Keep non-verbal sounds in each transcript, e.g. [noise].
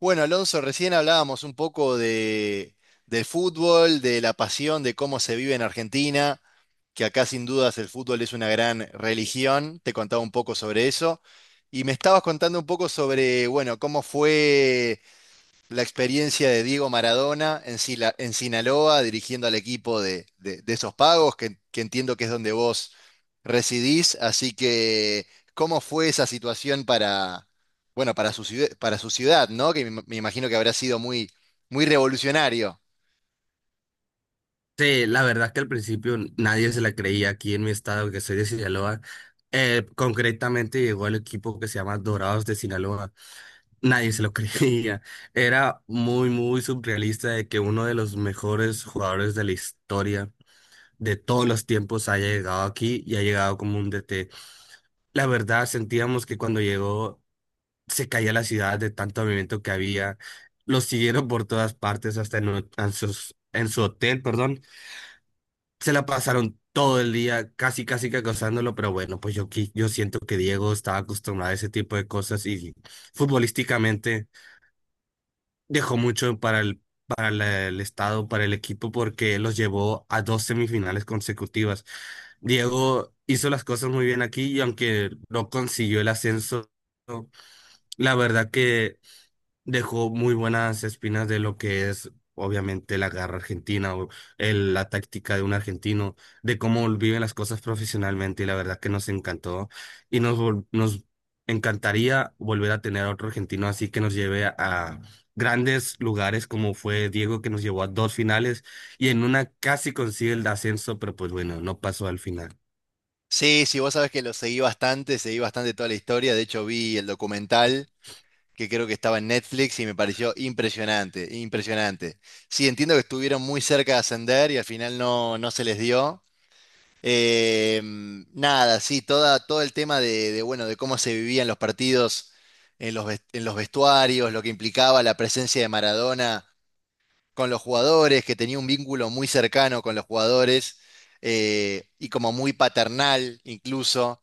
Bueno, Alonso, recién hablábamos un poco del fútbol, de la pasión, de cómo se vive en Argentina, que acá sin dudas el fútbol es una gran religión. Te contaba un poco sobre eso. Y me estabas contando un poco sobre, bueno, cómo fue la experiencia de Diego Maradona en Sinaloa, dirigiendo al equipo de esos pagos, que entiendo que es donde vos residís. Así que, ¿cómo fue esa situación bueno, para su ciudad? ¿No? Que me imagino que habrá sido muy, muy revolucionario. Sí, la verdad que al principio nadie se la creía aquí en mi estado, que soy de Sinaloa. Concretamente llegó el equipo que se llama Dorados de Sinaloa. Nadie se lo [laughs] creía. Era muy, muy surrealista de que uno de los mejores jugadores de la historia de todos los tiempos haya llegado aquí y ha llegado como un DT. La verdad, sentíamos que cuando llegó se caía la ciudad de tanto movimiento que había. Lo siguieron por todas partes, hasta en, o- en sus- en su hotel, perdón, se la pasaron todo el día casi, casi que acosándolo, pero bueno, pues yo siento que Diego estaba acostumbrado a ese tipo de cosas y futbolísticamente dejó mucho para el, para el estado, para el equipo, porque los llevó a dos semifinales consecutivas. Diego hizo las cosas muy bien aquí y aunque no consiguió el ascenso, la verdad que dejó muy buenas espinas de lo que es, obviamente, la garra argentina o la táctica de un argentino, de cómo viven las cosas profesionalmente y la verdad que nos encantó y nos encantaría volver a tener a otro argentino así que nos lleve a grandes lugares como fue Diego que nos llevó a dos finales y en una casi consigue el ascenso, pero pues bueno, no pasó al final. Sí, sí, vos sabés que lo seguí bastante toda la historia. De hecho, vi el documental que creo que estaba en Netflix y me pareció impresionante, impresionante. Sí, entiendo que estuvieron muy cerca de ascender y al final no, no se les dio. Eh, Nada, sí, todo el tema bueno, de cómo se vivían los partidos en los vestuarios, lo que implicaba la presencia de Maradona con los jugadores, que tenía un vínculo muy cercano con los jugadores y como muy paternal incluso.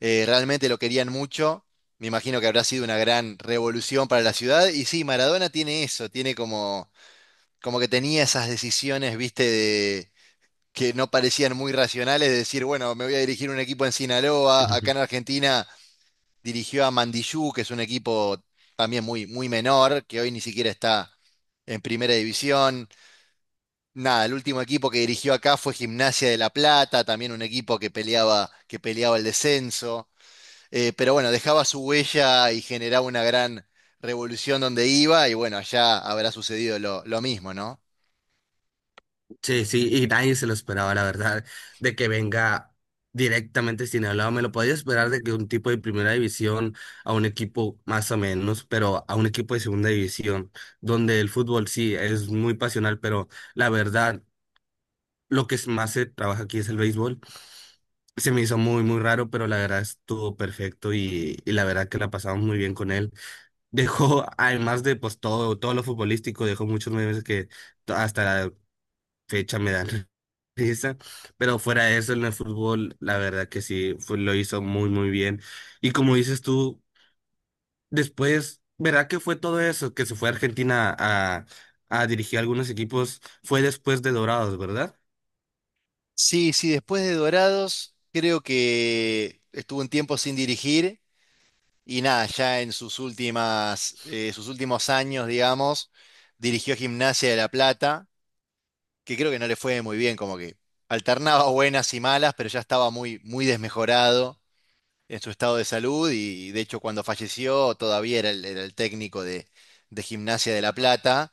Realmente lo querían mucho. Me imagino que habrá sido una gran revolución para la ciudad. Y sí, Maradona tiene eso, tiene como que tenía esas decisiones, viste, que no parecían muy racionales, de decir, bueno, me voy a dirigir un equipo en Sinaloa. Acá en Argentina dirigió a Mandiyú, que es un equipo también muy, muy menor, que hoy ni siquiera está en primera división. Nada, el último equipo que dirigió acá fue Gimnasia de La Plata, también un equipo que peleaba el descenso. Pero bueno, dejaba su huella y generaba una gran revolución donde iba, y bueno, allá habrá sucedido lo mismo, ¿no? Sí, sí, y nadie se lo esperaba, la verdad, de que venga directamente Sinaloa. Me lo podía esperar de que un tipo de primera división a un equipo más o menos, pero a un equipo de segunda división, donde el fútbol sí es muy pasional, pero la verdad, más se trabaja aquí es el béisbol. Se me hizo muy, muy raro, pero la verdad estuvo perfecto y la verdad que la pasamos muy bien con él. Dejó, además de pues todo, todo lo futbolístico, dejó muchos memes que hasta fecha me da [laughs] risa, pero fuera de eso en el fútbol, la verdad que sí, lo hizo muy, muy bien. Y como dices tú, después, ¿verdad que fue todo eso? Que se fue a Argentina a dirigir algunos equipos, fue después de Dorados, ¿verdad? Sí, sí, después de Dorados, creo que estuvo un tiempo sin dirigir y nada, ya en sus últimos años, digamos, dirigió Gimnasia de La Plata, que creo que no le fue muy bien, como que alternaba buenas y malas, pero ya estaba muy, muy desmejorado en su estado de salud y, de hecho, cuando falleció todavía era era el técnico de Gimnasia de La Plata,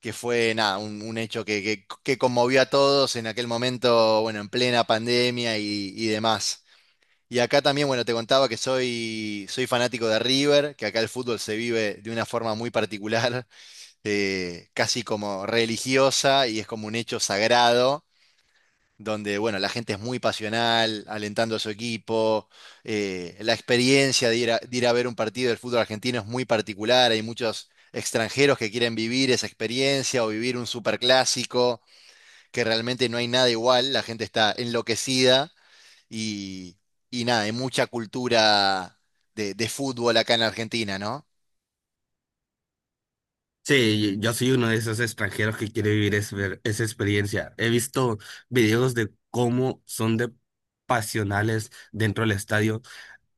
que fue nada, un hecho que conmovió a todos en aquel momento, bueno, en plena pandemia y demás. Y acá también, bueno, te contaba que soy fanático de River, que acá el fútbol se vive de una forma muy particular, [laughs] casi como religiosa, y es como un hecho sagrado donde bueno, la gente es muy pasional, alentando a su equipo. La experiencia de ir a ver un partido del fútbol argentino es muy particular, hay muchos extranjeros que quieren vivir esa experiencia o vivir un superclásico, que realmente no hay nada igual, la gente está enloquecida y, y nada, hay mucha cultura de fútbol acá en Argentina, ¿no? Sí, yo soy uno de esos extranjeros que quiere vivir ver esa experiencia. He visto videos de cómo son de pasionales dentro del estadio,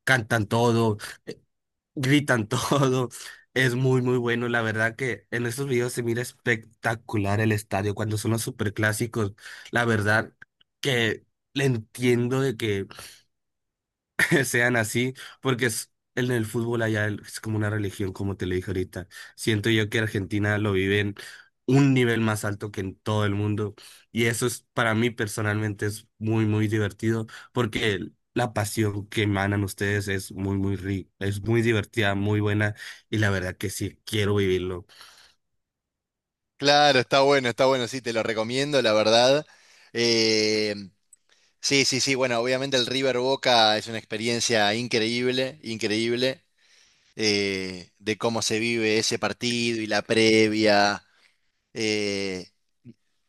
cantan todo, gritan [laughs] todo. Es muy, muy bueno. La verdad que en estos videos se mira espectacular el estadio cuando son los superclásicos. La verdad que le entiendo de que [laughs] sean así, porque es, en el fútbol allá es como una religión, como te lo dije ahorita. Siento yo que Argentina lo vive en un nivel más alto que en todo el mundo y eso es para mí personalmente es muy, muy divertido porque la pasión que emanan ustedes es muy, muy rica, es muy divertida, muy buena y la verdad que sí, quiero vivirlo. Claro, está bueno, sí, te lo recomiendo, la verdad. Eh, Sí, sí, sí, bueno, obviamente el River Boca es una experiencia increíble, increíble. De cómo se vive ese partido y la previa. eh,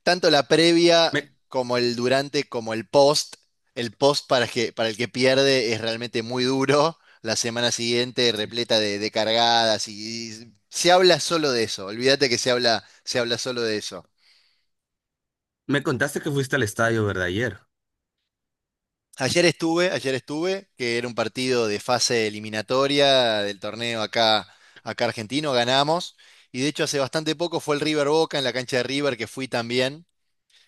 Tanto la previa Me, como el durante, como el post. El post para, para el que pierde es realmente muy duro, la semana siguiente repleta de cargadas, y se habla solo de eso. Olvídate, que se habla solo de eso. me contaste que fuiste al estadio, ¿verdad? Ayer. Ayer estuve, que era un partido de fase eliminatoria del torneo acá argentino. Ganamos. Y de hecho hace bastante poco fue el River Boca en la cancha de River, que fui también,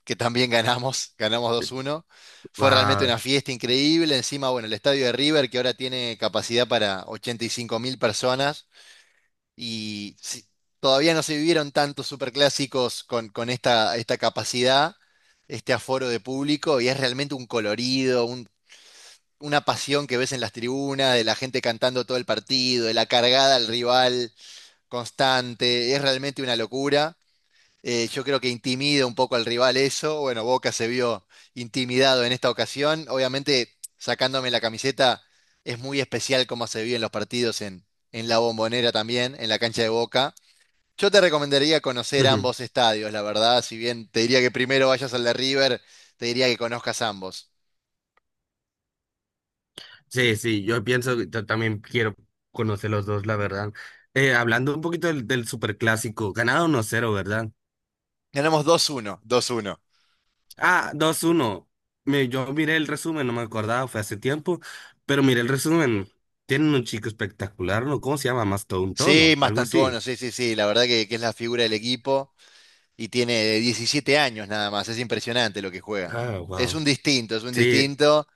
que también ganamos, [laughs] ganamos 2-1. Fue realmente Wow. una fiesta increíble. Encima, bueno, el estadio de River que ahora tiene capacidad para 85 mil personas, y si- todavía no se vivieron tantos superclásicos con esta, capacidad, este aforo de público, y es realmente un colorido, una pasión que ves en las tribunas, de la gente cantando todo el partido, de la cargada al rival constante. Es realmente una locura. Yo creo que intimida un poco al rival eso. Bueno, Boca se vio intimidado en esta ocasión. Obviamente, sacándome la camiseta, es muy especial cómo se vio en los partidos en la Bombonera también, en la cancha de Boca. Yo te recomendaría conocer ambos [laughs] estadios, la verdad. Si bien te diría que primero vayas al de River, te diría que conozcas ambos. Sí, sí, yo pienso que yo también quiero conocer los dos, la verdad. Hablando un poquito del, del superclásico, ganado 1-0, ¿verdad? Ganamos 2-1, 2-1. Ah, 2-1. Yo miré el resumen, no me acordaba, fue hace tiempo, pero miré el resumen. Tienen un chico espectacular, ¿no? ¿Cómo se llama? Mastodon, Sí, ¿no? Algo así. Mastantuono, sí, sí, sí, la verdad que es la figura del equipo y tiene 17 años nada más. Es impresionante lo que juega. Ah, Es wow. un distinto, es un Sí, distinto.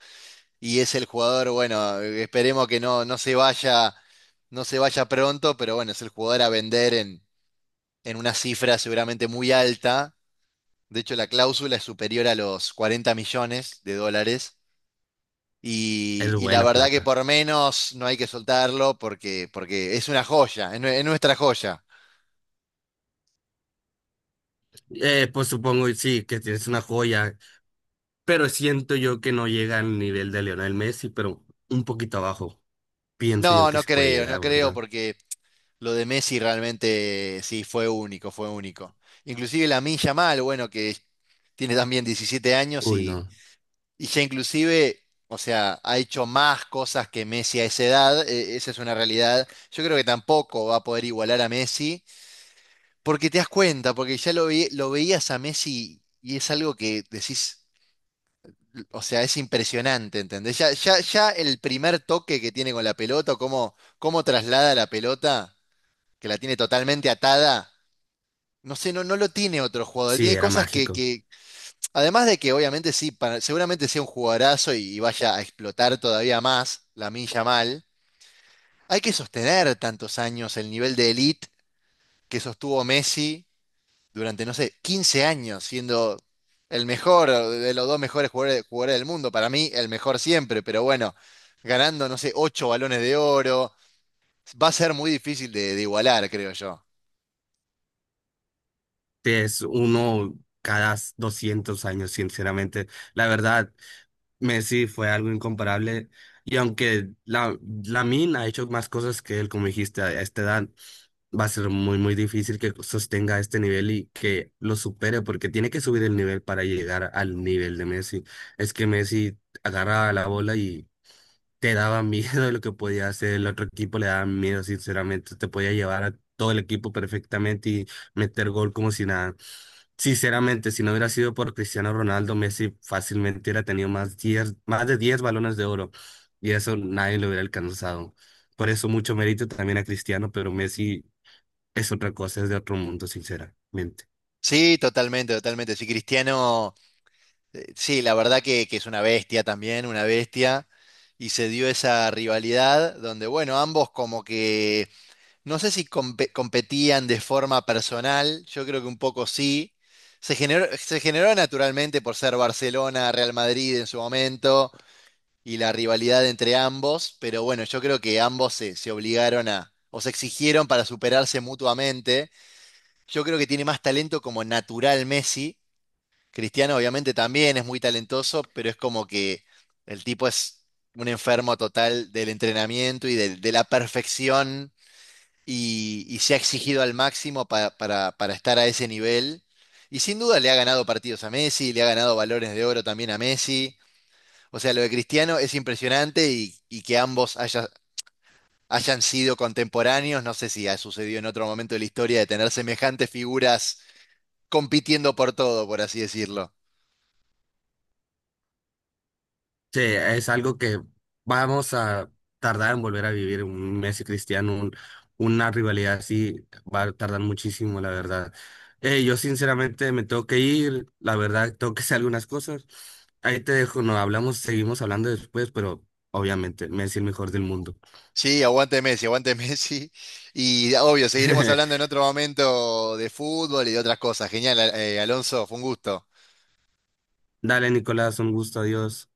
Y es el jugador, bueno, esperemos que no, no se vaya, no se vaya pronto, pero bueno, es el jugador a vender en una cifra seguramente muy alta. De hecho, la cláusula es superior a los $40 millones, y, es y la buena verdad que plata. por menos no hay que soltarlo, porque es una joya, es nuestra joya. Pues supongo, y sí, que tienes una joya, pero siento yo que no llega al nivel de Lionel Messi, pero un poquito abajo. Pienso yo No, que no sí puede creo, no llegar, creo, ¿verdad? porque lo de Messi realmente sí fue único, fue único. Inclusive la Milla Mal, bueno, que tiene también 17 años Uy, y, no. y ya inclusive, o sea, ha hecho más cosas que Messi a esa edad. Esa es una realidad. Yo creo que tampoco va a poder igualar a Messi, porque te das cuenta, porque ya lo veías a Messi y es algo que decís, o sea, es impresionante, ¿entendés? Ya, ya, ya el primer toque que tiene con la pelota, o cómo traslada la pelota. Que la tiene totalmente atada. No sé, no, no lo tiene otro jugador. Sí, Tiene era cosas mágico. Además de que obviamente sí, seguramente sea un jugadorazo, y vaya a explotar todavía más la milla mal. Hay que sostener tantos años el nivel de elite que sostuvo Messi durante, no sé, 15 años, siendo el mejor de los dos mejores jugadores del mundo. Para mí, el mejor siempre, pero bueno, ganando, no sé, 8 balones de oro, va a ser muy difícil de igualar, creo yo. Sí, es uno cada 200 años, sinceramente. La verdad, Messi fue algo incomparable. Y aunque Lamine ha hecho más cosas que él, como dijiste, a esta edad, va a ser muy, muy difícil que sostenga este nivel y que lo supere, porque tiene que subir el nivel para llegar al nivel de Messi. Es que Messi agarra la bola y te daba [laughs] miedo de lo que podía hacer, el otro equipo le daba miedo, sinceramente, te podía llevar a todo el equipo perfectamente y meter gol como si nada. Sinceramente, si no hubiera sido por Cristiano Ronaldo, Messi fácilmente hubiera tenido más, 10 más de 10 balones de oro y eso nadie lo hubiera alcanzado. Por eso mucho mérito también a Cristiano, pero Messi es otra cosa, es de otro mundo, sinceramente. Sí, totalmente, totalmente. Sí, Cristiano, sí, la verdad que es una bestia también, una bestia. Y se dio esa rivalidad donde, bueno, ambos como que, no sé si competían de forma personal, yo creo que un poco sí. Se generó naturalmente por ser Barcelona, Real Madrid en su momento, y la rivalidad entre ambos. Pero bueno, yo creo que ambos se obligaron o se exigieron para superarse mutuamente. Yo creo que tiene más talento como natural Messi. Cristiano obviamente también es muy talentoso, pero es como que el tipo es un enfermo total del entrenamiento y la perfección, y se ha exigido al máximo para estar a ese nivel. Y sin duda le ha ganado partidos a Messi, le ha ganado balones de oro también a Messi. O sea, lo de Cristiano es impresionante, y que ambos hayan sido contemporáneos. No sé si ha sucedido en otro momento de la historia de tener semejantes figuras compitiendo por todo, por así decirlo. Sí, es algo que vamos a tardar en volver a vivir un Messi Cristiano, una rivalidad así va a tardar muchísimo, la verdad. Yo sinceramente me tengo que ir, la verdad tengo que hacer algunas cosas. Ahí te dejo, no hablamos, seguimos hablando después, pero obviamente Messi el mejor del mundo. Sí, aguante Messi, aguante [laughs] Messi. Y obvio, seguiremos hablando en [laughs] otro momento de fútbol y de otras cosas. Genial, Alonso, fue un gusto. Dale, Nicolás, un gusto, adiós.